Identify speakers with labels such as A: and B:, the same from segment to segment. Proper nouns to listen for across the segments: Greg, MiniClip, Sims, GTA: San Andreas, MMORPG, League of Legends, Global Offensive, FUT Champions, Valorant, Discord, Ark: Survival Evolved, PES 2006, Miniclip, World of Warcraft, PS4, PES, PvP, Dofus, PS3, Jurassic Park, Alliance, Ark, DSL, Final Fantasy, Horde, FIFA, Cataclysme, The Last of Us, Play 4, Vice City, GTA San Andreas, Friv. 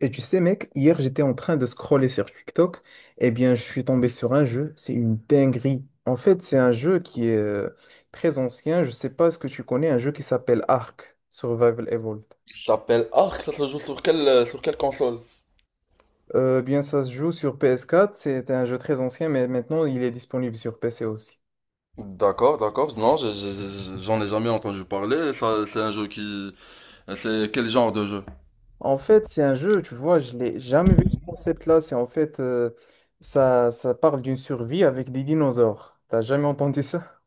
A: Et tu sais, mec, hier j'étais en train de scroller sur TikTok, et bien je suis tombé sur un jeu, c'est une dinguerie. En fait, c'est un jeu qui est très ancien, je sais pas ce que tu connais, un jeu qui s'appelle Ark, Survival Evolved.
B: S'appelle Ark, ça se joue sur quelle console?
A: Bien ça se joue sur ps quatre. C'est un jeu très ancien, mais maintenant il est disponible sur PC aussi.
B: D'accord, d'accord. Non, j'en ai jamais entendu parler. Ça, c'est un jeu qui... C'est quel genre de jeu?
A: En fait, c'est un jeu, tu vois, je l'ai jamais vu ce concept-là. C'est en fait, ça parle d'une survie avec des dinosaures. T'as jamais entendu ça?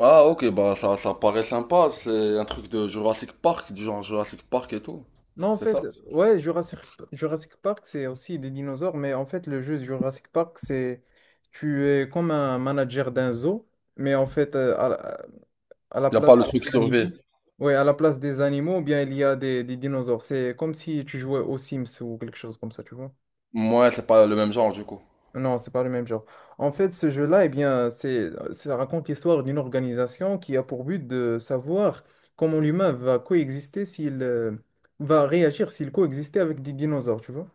B: Ah, ok, bah ça, ça paraît sympa. C'est un truc de Jurassic Park, du genre Jurassic Park et tout.
A: Non, en
B: C'est
A: fait,
B: ça?
A: ouais, Jurassic Park, c'est aussi des dinosaures, mais en fait, le jeu de Jurassic Park, c'est tu es comme un manager d'un zoo, mais en fait, à la
B: Y a
A: place
B: pas le
A: des
B: truc survie.
A: animaux, ouais, à la place des animaux, bien, il y a des dinosaures. C'est comme si tu jouais aux Sims ou quelque chose comme ça, tu vois.
B: Moi, c'est pas le même genre du coup.
A: Non, c'est pas le même genre. En fait, ce jeu-là, eh bien, ça raconte l'histoire d'une organisation qui a pour but de savoir comment l'humain va coexister s'il va réagir s'il coexistait avec des dinosaures, tu vois.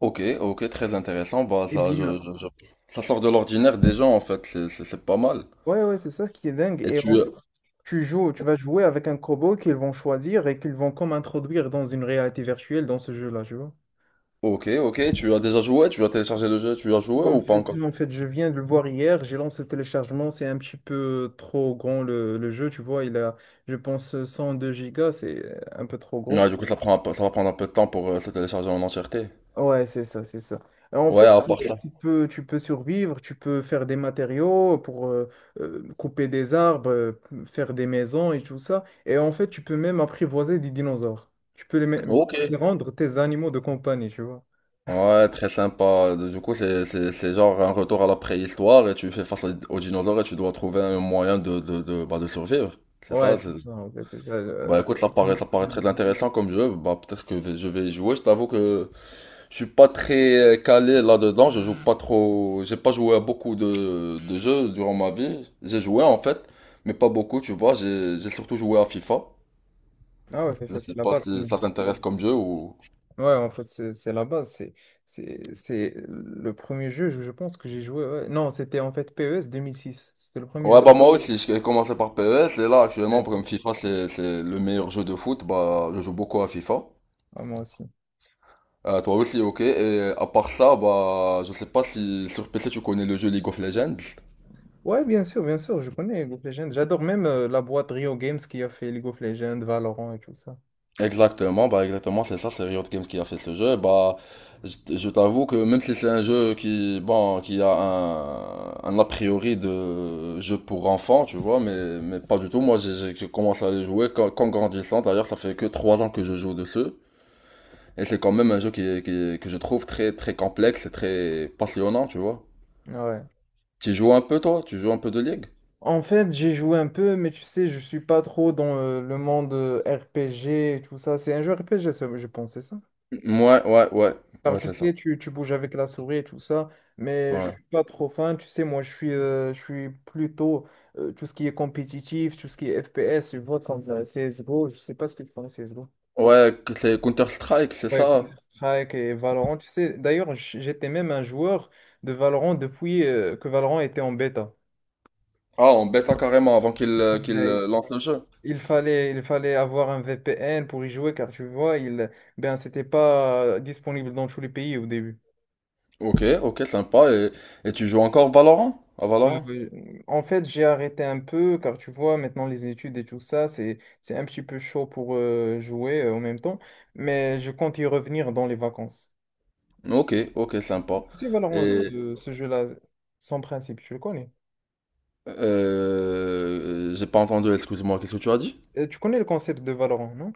B: Ok, ok, très intéressant. Bah
A: Eh
B: ça,
A: bien,
B: ça sort de l'ordinaire des gens en fait. C'est pas mal.
A: ouais, ouais, c'est ça qui est dingue.
B: Et tu...
A: Tu joues, tu vas jouer avec un robot qu'ils vont choisir et qu'ils vont comme introduire dans une réalité virtuelle dans ce jeu-là, tu vois.
B: Ok, ok, tu as déjà joué? Tu as téléchargé le jeu? Tu as joué
A: En
B: ou pas
A: fait,
B: encore?
A: en fait, je viens de le voir hier, j'ai lancé le téléchargement. C'est un petit peu trop grand le jeu, tu vois. Il a, je pense, 102 gigas, c'est un peu trop gros.
B: Ouais, du coup, ça va prendre un peu de temps pour se télécharger en entièreté.
A: Ouais, c'est ça, c'est ça. En
B: Ouais,
A: fait,
B: à part ça.
A: tu peux survivre, tu peux faire des matériaux pour couper des arbres, faire des maisons et tout ça. Et en fait, tu peux même apprivoiser des dinosaures. Tu peux
B: Ok.
A: les rendre tes animaux de compagnie, tu vois.
B: Ouais, très sympa. Du coup, c'est genre un retour à la préhistoire et tu fais face à- aux dinosaures et tu dois trouver un moyen bah, de survivre. C'est
A: Ouais,
B: ça,
A: c'est
B: c'est-
A: ça, en fait, c'est ça.
B: Bah écoute, ça paraît très intéressant comme jeu. Bah peut-être que je vais y jouer. Je t'avoue que je suis pas très calé là-dedans. Je joue pas trop. J'ai pas joué à beaucoup de jeux durant ma vie. J'ai joué en fait, mais pas beaucoup, tu vois. J'ai surtout joué à FIFA.
A: Ah ouais, c'est
B: Je
A: ça, c'est
B: sais
A: la
B: pas
A: base, quand
B: si
A: même.
B: ça t'intéresse comme jeu ou...
A: Ouais, en fait, c'est la base. C'est le premier jeu, je pense, que j'ai joué. Ouais. Non, c'était en fait PES 2006. C'était le premier
B: Ouais,
A: jeu.
B: bah moi aussi, j'ai commencé par PES et là
A: Ouais.
B: actuellement, comme FIFA, c'est le meilleur jeu de foot, bah je joue beaucoup à FIFA.
A: Ah, moi aussi.
B: Toi aussi, ok. Et à part ça, bah je sais pas si sur PC tu connais le jeu League of Legends.
A: Ouais, bien sûr, je connais League of Legends. J'adore même la boîte Rio Games qui a fait League of Legends, Valorant et tout ça.
B: Exactement, bah exactement, c'est ça, c'est Riot Games qui a fait ce jeu. Bah, je t'avoue que même si c'est un jeu qui, bon, qui a un a priori de jeu pour enfants, tu vois, mais pas du tout. Moi, j'ai commencé à les jouer qu'en grandissant. D'ailleurs, ça fait que 3 ans que je joue dessus. Et c'est quand même un jeu que je trouve très, très complexe et très passionnant, tu vois.
A: Ouais.
B: Tu joues un peu, toi? Tu joues un peu de League?
A: En fait, j'ai joué un peu, mais tu sais, je suis pas trop dans le monde RPG et tout ça. C'est un jeu RPG, ça, je pense, c'est ça?
B: Ouais, ouais, ouais.
A: Car
B: Ouais,
A: tu
B: c'est ça.
A: sais, tu bouges avec la souris et tout ça, mais je
B: Ouais.
A: suis pas trop fan. Tu sais, moi, je suis plutôt tout ce qui est compétitif, tout ce qui est FPS, je vois comme CSGO. Je sais pas ce que tu penses de C S G O.
B: Ouais, que c'est Counter-Strike, c'est
A: Ouais,
B: ça.
A: Counter-Strike et Valorant. Tu sais, d'ailleurs, j'étais même un joueur de Valorant depuis que Valorant était en bêta.
B: Ah, en bêta carrément avant qu'il euh, qu'il
A: Ouais,
B: euh, lance le jeu.
A: il fallait avoir un VPN pour y jouer, car tu vois, ben, c'était pas disponible dans tous les pays au début.
B: Ok, ok, sympa. Et tu joues encore Valorant? À
A: Ah
B: Valorant?
A: oui. En fait, j'ai arrêté un peu, car tu vois, maintenant les études et tout ça, c'est un petit peu chaud pour jouer en même temps, mais je compte y revenir dans les vacances.
B: Ok, ok, sympa.
A: Tu sais, Valorant,
B: Et
A: ce jeu-là, sans principe, tu le connais.
B: j'ai pas entendu, excuse-moi, qu'est-ce que tu as dit?
A: Tu connais le concept de Valorant, non?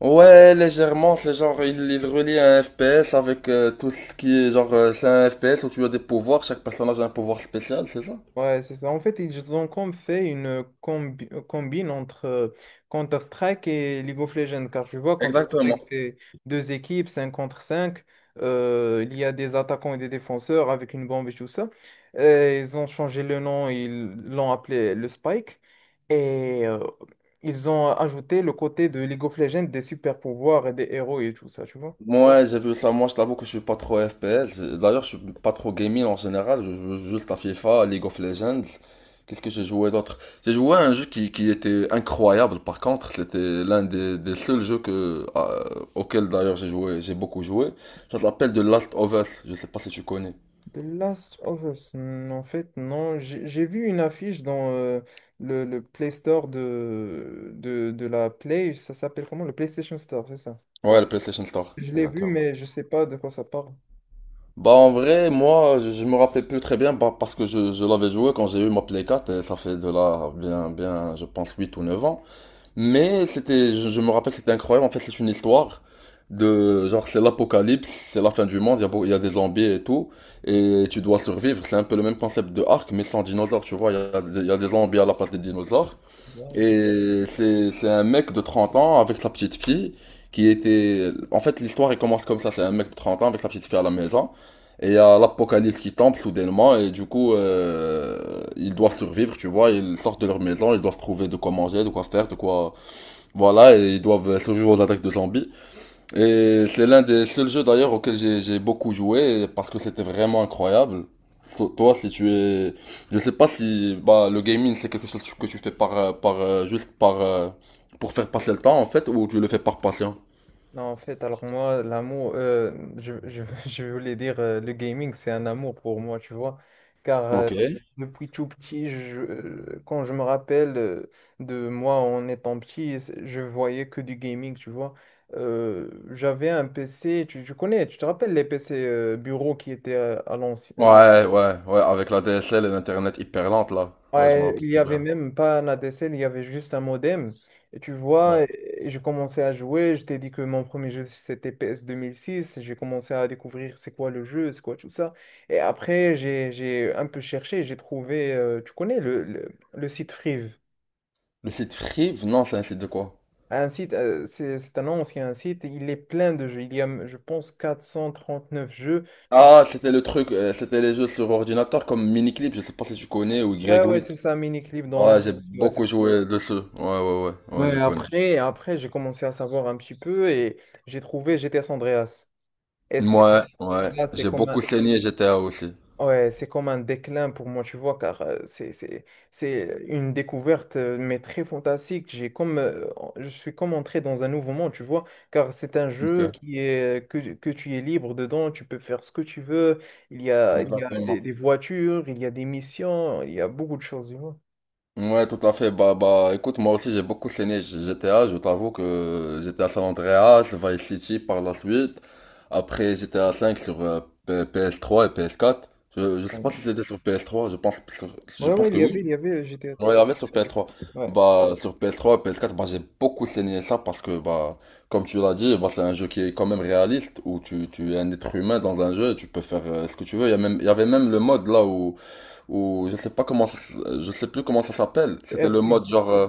B: Ouais, légèrement, c'est genre, il relie un FPS avec tout ce qui est genre, c'est un FPS où tu as des pouvoirs, chaque personnage a un pouvoir spécial, c'est ça?
A: Ouais, c'est ça. En fait, ils ont comme fait une combine entre Counter-Strike et League of Legends, car je vois Counter-Strike,
B: Exactement.
A: c'est deux équipes, 5 contre cinq, il y a des attaquants et des défenseurs avec une bombe et tout ça. Et ils ont changé le nom, ils l'ont appelé le Spike, et ils ont ajouté le côté de League of Legends, des super-pouvoirs et des héros et tout ça, tu vois.
B: Moi, j'ai vu ça. Moi, je t'avoue que je suis pas trop FPS. D'ailleurs, je suis pas trop gaming en général. Je joue juste à FIFA, League of Legends. Qu'est-ce que j'ai joué d'autre? J'ai joué à un jeu qui était incroyable. Par contre, c'était l'un des seuls jeux que, auquel d'ailleurs j'ai joué, j'ai beaucoup joué. Ça s'appelle The Last of Us. Je sais pas si tu connais.
A: The Last of Us, en fait, non. J'ai vu une affiche dans le Play Store de la Play. Ça s'appelle comment? Le PlayStation Store, c'est ça.
B: Ouais, le PlayStation Store,
A: Je l'ai vu,
B: exactement.
A: mais je sais pas de quoi ça parle.
B: Bah en vrai, moi, je me rappelle plus très bien bah, parce que je l'avais joué quand j'ai eu ma Play 4 et ça fait de là bien, je pense 8 ou 9 ans. Mais c'était, je me rappelle que c'était incroyable. En fait, c'est une histoire de, genre, c'est l'apocalypse, c'est la fin du monde, il y a, il y a des zombies et tout, et tu dois survivre. C'est un peu le même concept de Ark, mais sans dinosaures, tu vois. Il y a, il y a des zombies à la place des dinosaures. Et c'est un mec de 30 ans avec sa petite fille qui était, en fait, l'histoire, elle commence comme ça. C'est un mec de 30 ans avec sa petite fille à la maison. Et il y a l'apocalypse qui tombe soudainement et du coup ils doivent survivre, tu vois, ils sortent de leur maison, ils doivent trouver de quoi manger, de quoi faire, de quoi voilà, et ils doivent survivre aux attaques de zombies. Et c'est l'un des seuls jeux d'ailleurs auquel j'ai beaucoup joué parce que c'était vraiment incroyable. So- Toi, si tu es, je sais pas si bah le gaming c'est quelque chose que tu fais par par juste par pour faire passer le temps en fait ou tu le fais par passion.
A: Non, en fait, alors moi, l'amour, je voulais dire, le gaming, c'est un amour pour moi, tu vois. Car
B: Ok.
A: depuis tout petit, quand je me rappelle de moi en étant petit, je voyais que du gaming, tu vois. J'avais un PC, tu connais, tu te rappelles les PC bureaux qui étaient à l'ancien.
B: Ouais, ouais, ouais, avec la DSL et l'internet hyper lente là. Ouais, je me
A: Ouais,
B: rappelle
A: il y
B: très
A: avait
B: bien.
A: même pas un ADSL, il y avait juste un modem. Et tu vois,
B: Ouais.
A: et je commençais à jouer. Je t'ai dit que mon premier jeu c'était PS six. J'ai commencé à découvrir c'est quoi le jeu, c'est quoi tout ça. Et après, j'ai un peu cherché, j'ai trouvé, tu connais le site Friv.
B: Le site Free, non, c'est un site de quoi?
A: Un site, c'est un ancien site, il est plein de jeux, il y a, je pense, 439 jeux. Tu...
B: Ah, c'était le truc, c'était les jeux sur ordinateur comme Miniclip, je sais pas si tu connais, ou
A: Ouais,
B: Greg.
A: ouais, c'est ça,
B: Ouais,
A: MiniClip dans l'un.
B: j'ai beaucoup joué dessus. Ouais, ouais, ouais, ouais,
A: Ouais,
B: je connais.
A: après j'ai commencé à savoir un petit peu, et j'ai trouvé GTS Andreas. Et c'est
B: Ouais, ouais,
A: là,
B: j'ai beaucoup saigné GTA aussi.
A: ouais, c'est comme un déclin pour moi, tu vois, car c'est une découverte, mais très fantastique. Je suis comme entré dans un nouveau monde, tu vois, car c'est un jeu
B: Ok,
A: que tu es libre dedans, tu peux faire ce que tu veux. Il y a des,
B: exactement.
A: des voitures, il y a des missions, il y a beaucoup de choses, tu vois.
B: Ouais, tout à fait. Bah, bah, écoute, moi aussi j'ai beaucoup saigné GTA. Je t'avoue que GTA San Andreas, Vice City par la suite. Après GTA 5 sur PS3 et PS4. Je sais pas
A: Ouais,
B: si c'était sur PS3. Je pense, je pense
A: ouais, il
B: que
A: y avait,
B: oui.
A: il y avait GTA.
B: Ouais, Royal sur PS3.
A: Ouais.
B: Bah, sur PS3, PS4, bah, j'ai beaucoup saigné ça parce que, bah, comme tu l'as dit, bah, c'est un jeu qui est quand même réaliste où tu es un être humain dans un jeu et tu peux faire ce que tu veux. Il y a même, il y avait même le mode là où, où je sais pas comment, je sais plus comment ça s'appelle.
A: Le
B: C'était le
A: RP.
B: mode genre,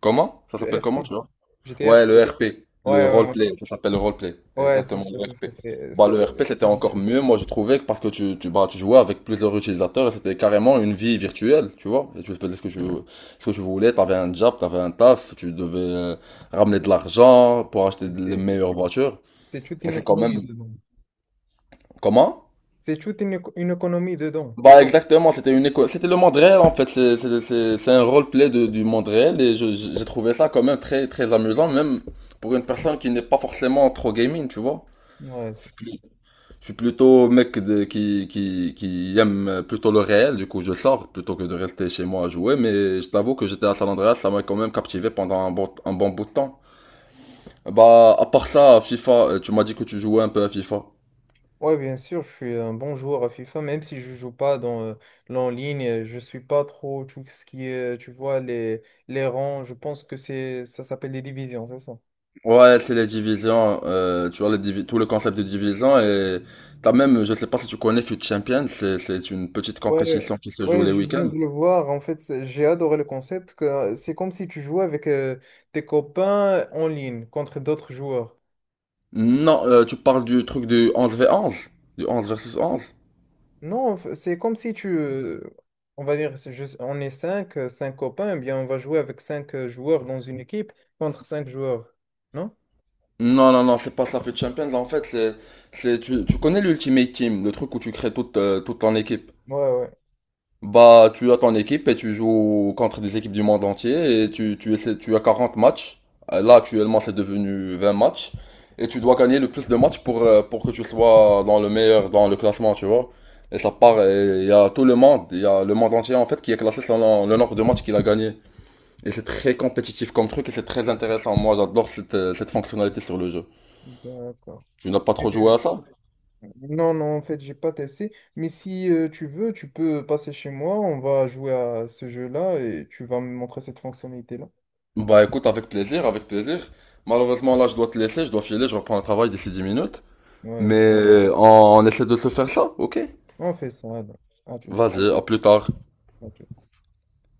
B: comment? Ça s'appelle comment, tu vois?
A: GTR?
B: Ouais, le RP, le
A: Ouais, ouais, ouais,
B: roleplay, ça s'appelle le roleplay,
A: ouais, c'est
B: exactement
A: ça,
B: le
A: c'est ça,
B: RP.
A: c'est
B: Bah,
A: c'est
B: le RP c'était
A: trop
B: encore
A: bien.
B: mieux, moi je trouvais, parce que bah, tu jouais avec plusieurs utilisateurs et c'était carrément une vie virtuelle, tu vois. Et tu faisais ce que tu voulais, t'avais un job, t'avais un taf, tu devais ramener de l'argent pour acheter les
A: C'est-
B: meilleures voitures.
A: c'est toute
B: Et
A: une
B: c'est quand
A: économie
B: même.
A: dedans.
B: Comment?
A: C'est toute une économie dedans.
B: Bah, exactement, c'était une école, c'était le monde réel en fait, c'est un roleplay de, du monde réel et j'ai trouvé ça quand même très, très amusant, même pour une personne qui n'est pas forcément trop gaming, tu vois.
A: Ouais,
B: Je
A: c'est
B: suis
A: ça.
B: plus- je suis plutôt mec de, qui aime plutôt le réel, du coup je sors plutôt que de rester chez moi à jouer, mais je t'avoue que j'étais à San Andreas, ça m'a quand même captivé pendant un bon bout de temps. Bah, à part ça, FIFA, tu m'as dit que tu jouais un peu à FIFA.
A: Ouais, bien sûr, je suis un bon joueur à FIFA, même si je joue pas dans l'en ligne, je suis pas trop tout ce qui est, tu vois, les rangs, je pense que c'est ça s'appelle les divisions, c'est ça?
B: Ouais, c'est les divisions, tu vois, tout le concept de division, et t'as même, je sais pas si tu connais FUT Champions, c'est une petite
A: Ouais,
B: compétition qui se joue
A: ouais,
B: les
A: je viens
B: week-ends.
A: de le voir. En fait, j'ai adoré le concept que c'est comme si tu jouais avec tes copains en ligne contre d'autres joueurs.
B: Non, tu parles du truc du onze v onze, du 11 versus 11.
A: Non, c'est comme si on va dire, on est cinq copains, eh bien on va jouer avec cinq joueurs dans une équipe contre cinq joueurs, non?
B: Non, non, non, c'est pas ça fait Champions. En fait, tu, tu connais l'Ultimate Team, le truc où tu crées toute, toute ton équipe.
A: Ouais, ouais,
B: Bah, tu as ton équipe et tu joues contre des équipes du monde entier et tu essaies, tu as 40 matchs. Là, actuellement, c'est devenu 20 matchs. Et tu dois gagner le plus de matchs pour que tu sois dans le meilleur, dans le classement, tu vois. Et ça part, et il y a tout le monde, il y a le monde entier, en fait, qui est classé selon le nombre de matchs qu'il a gagné. Et c'est très compétitif comme truc et c'est très intéressant. Moi, j'adore cette, cette fonctionnalité sur le jeu.
A: d'accord.
B: Tu n'as pas
A: Et-
B: trop joué
A: euh,
B: à ça?
A: Non, non, en fait, j'ai pas testé. Mais si tu veux, tu peux passer chez moi, on va jouer à ce jeu-là et tu vas me montrer cette fonctionnalité-là.
B: Bah écoute, avec plaisir, avec plaisir. Malheureusement, là, je dois te laisser, je dois filer, je reprends le travail d'ici 10 minutes.
A: Ouais,
B: Mais
A: ouais.
B: on essaie de se faire ça, ok?
A: On fait ça, alors. À tout.
B: Vas-y, à plus tard.
A: À tout.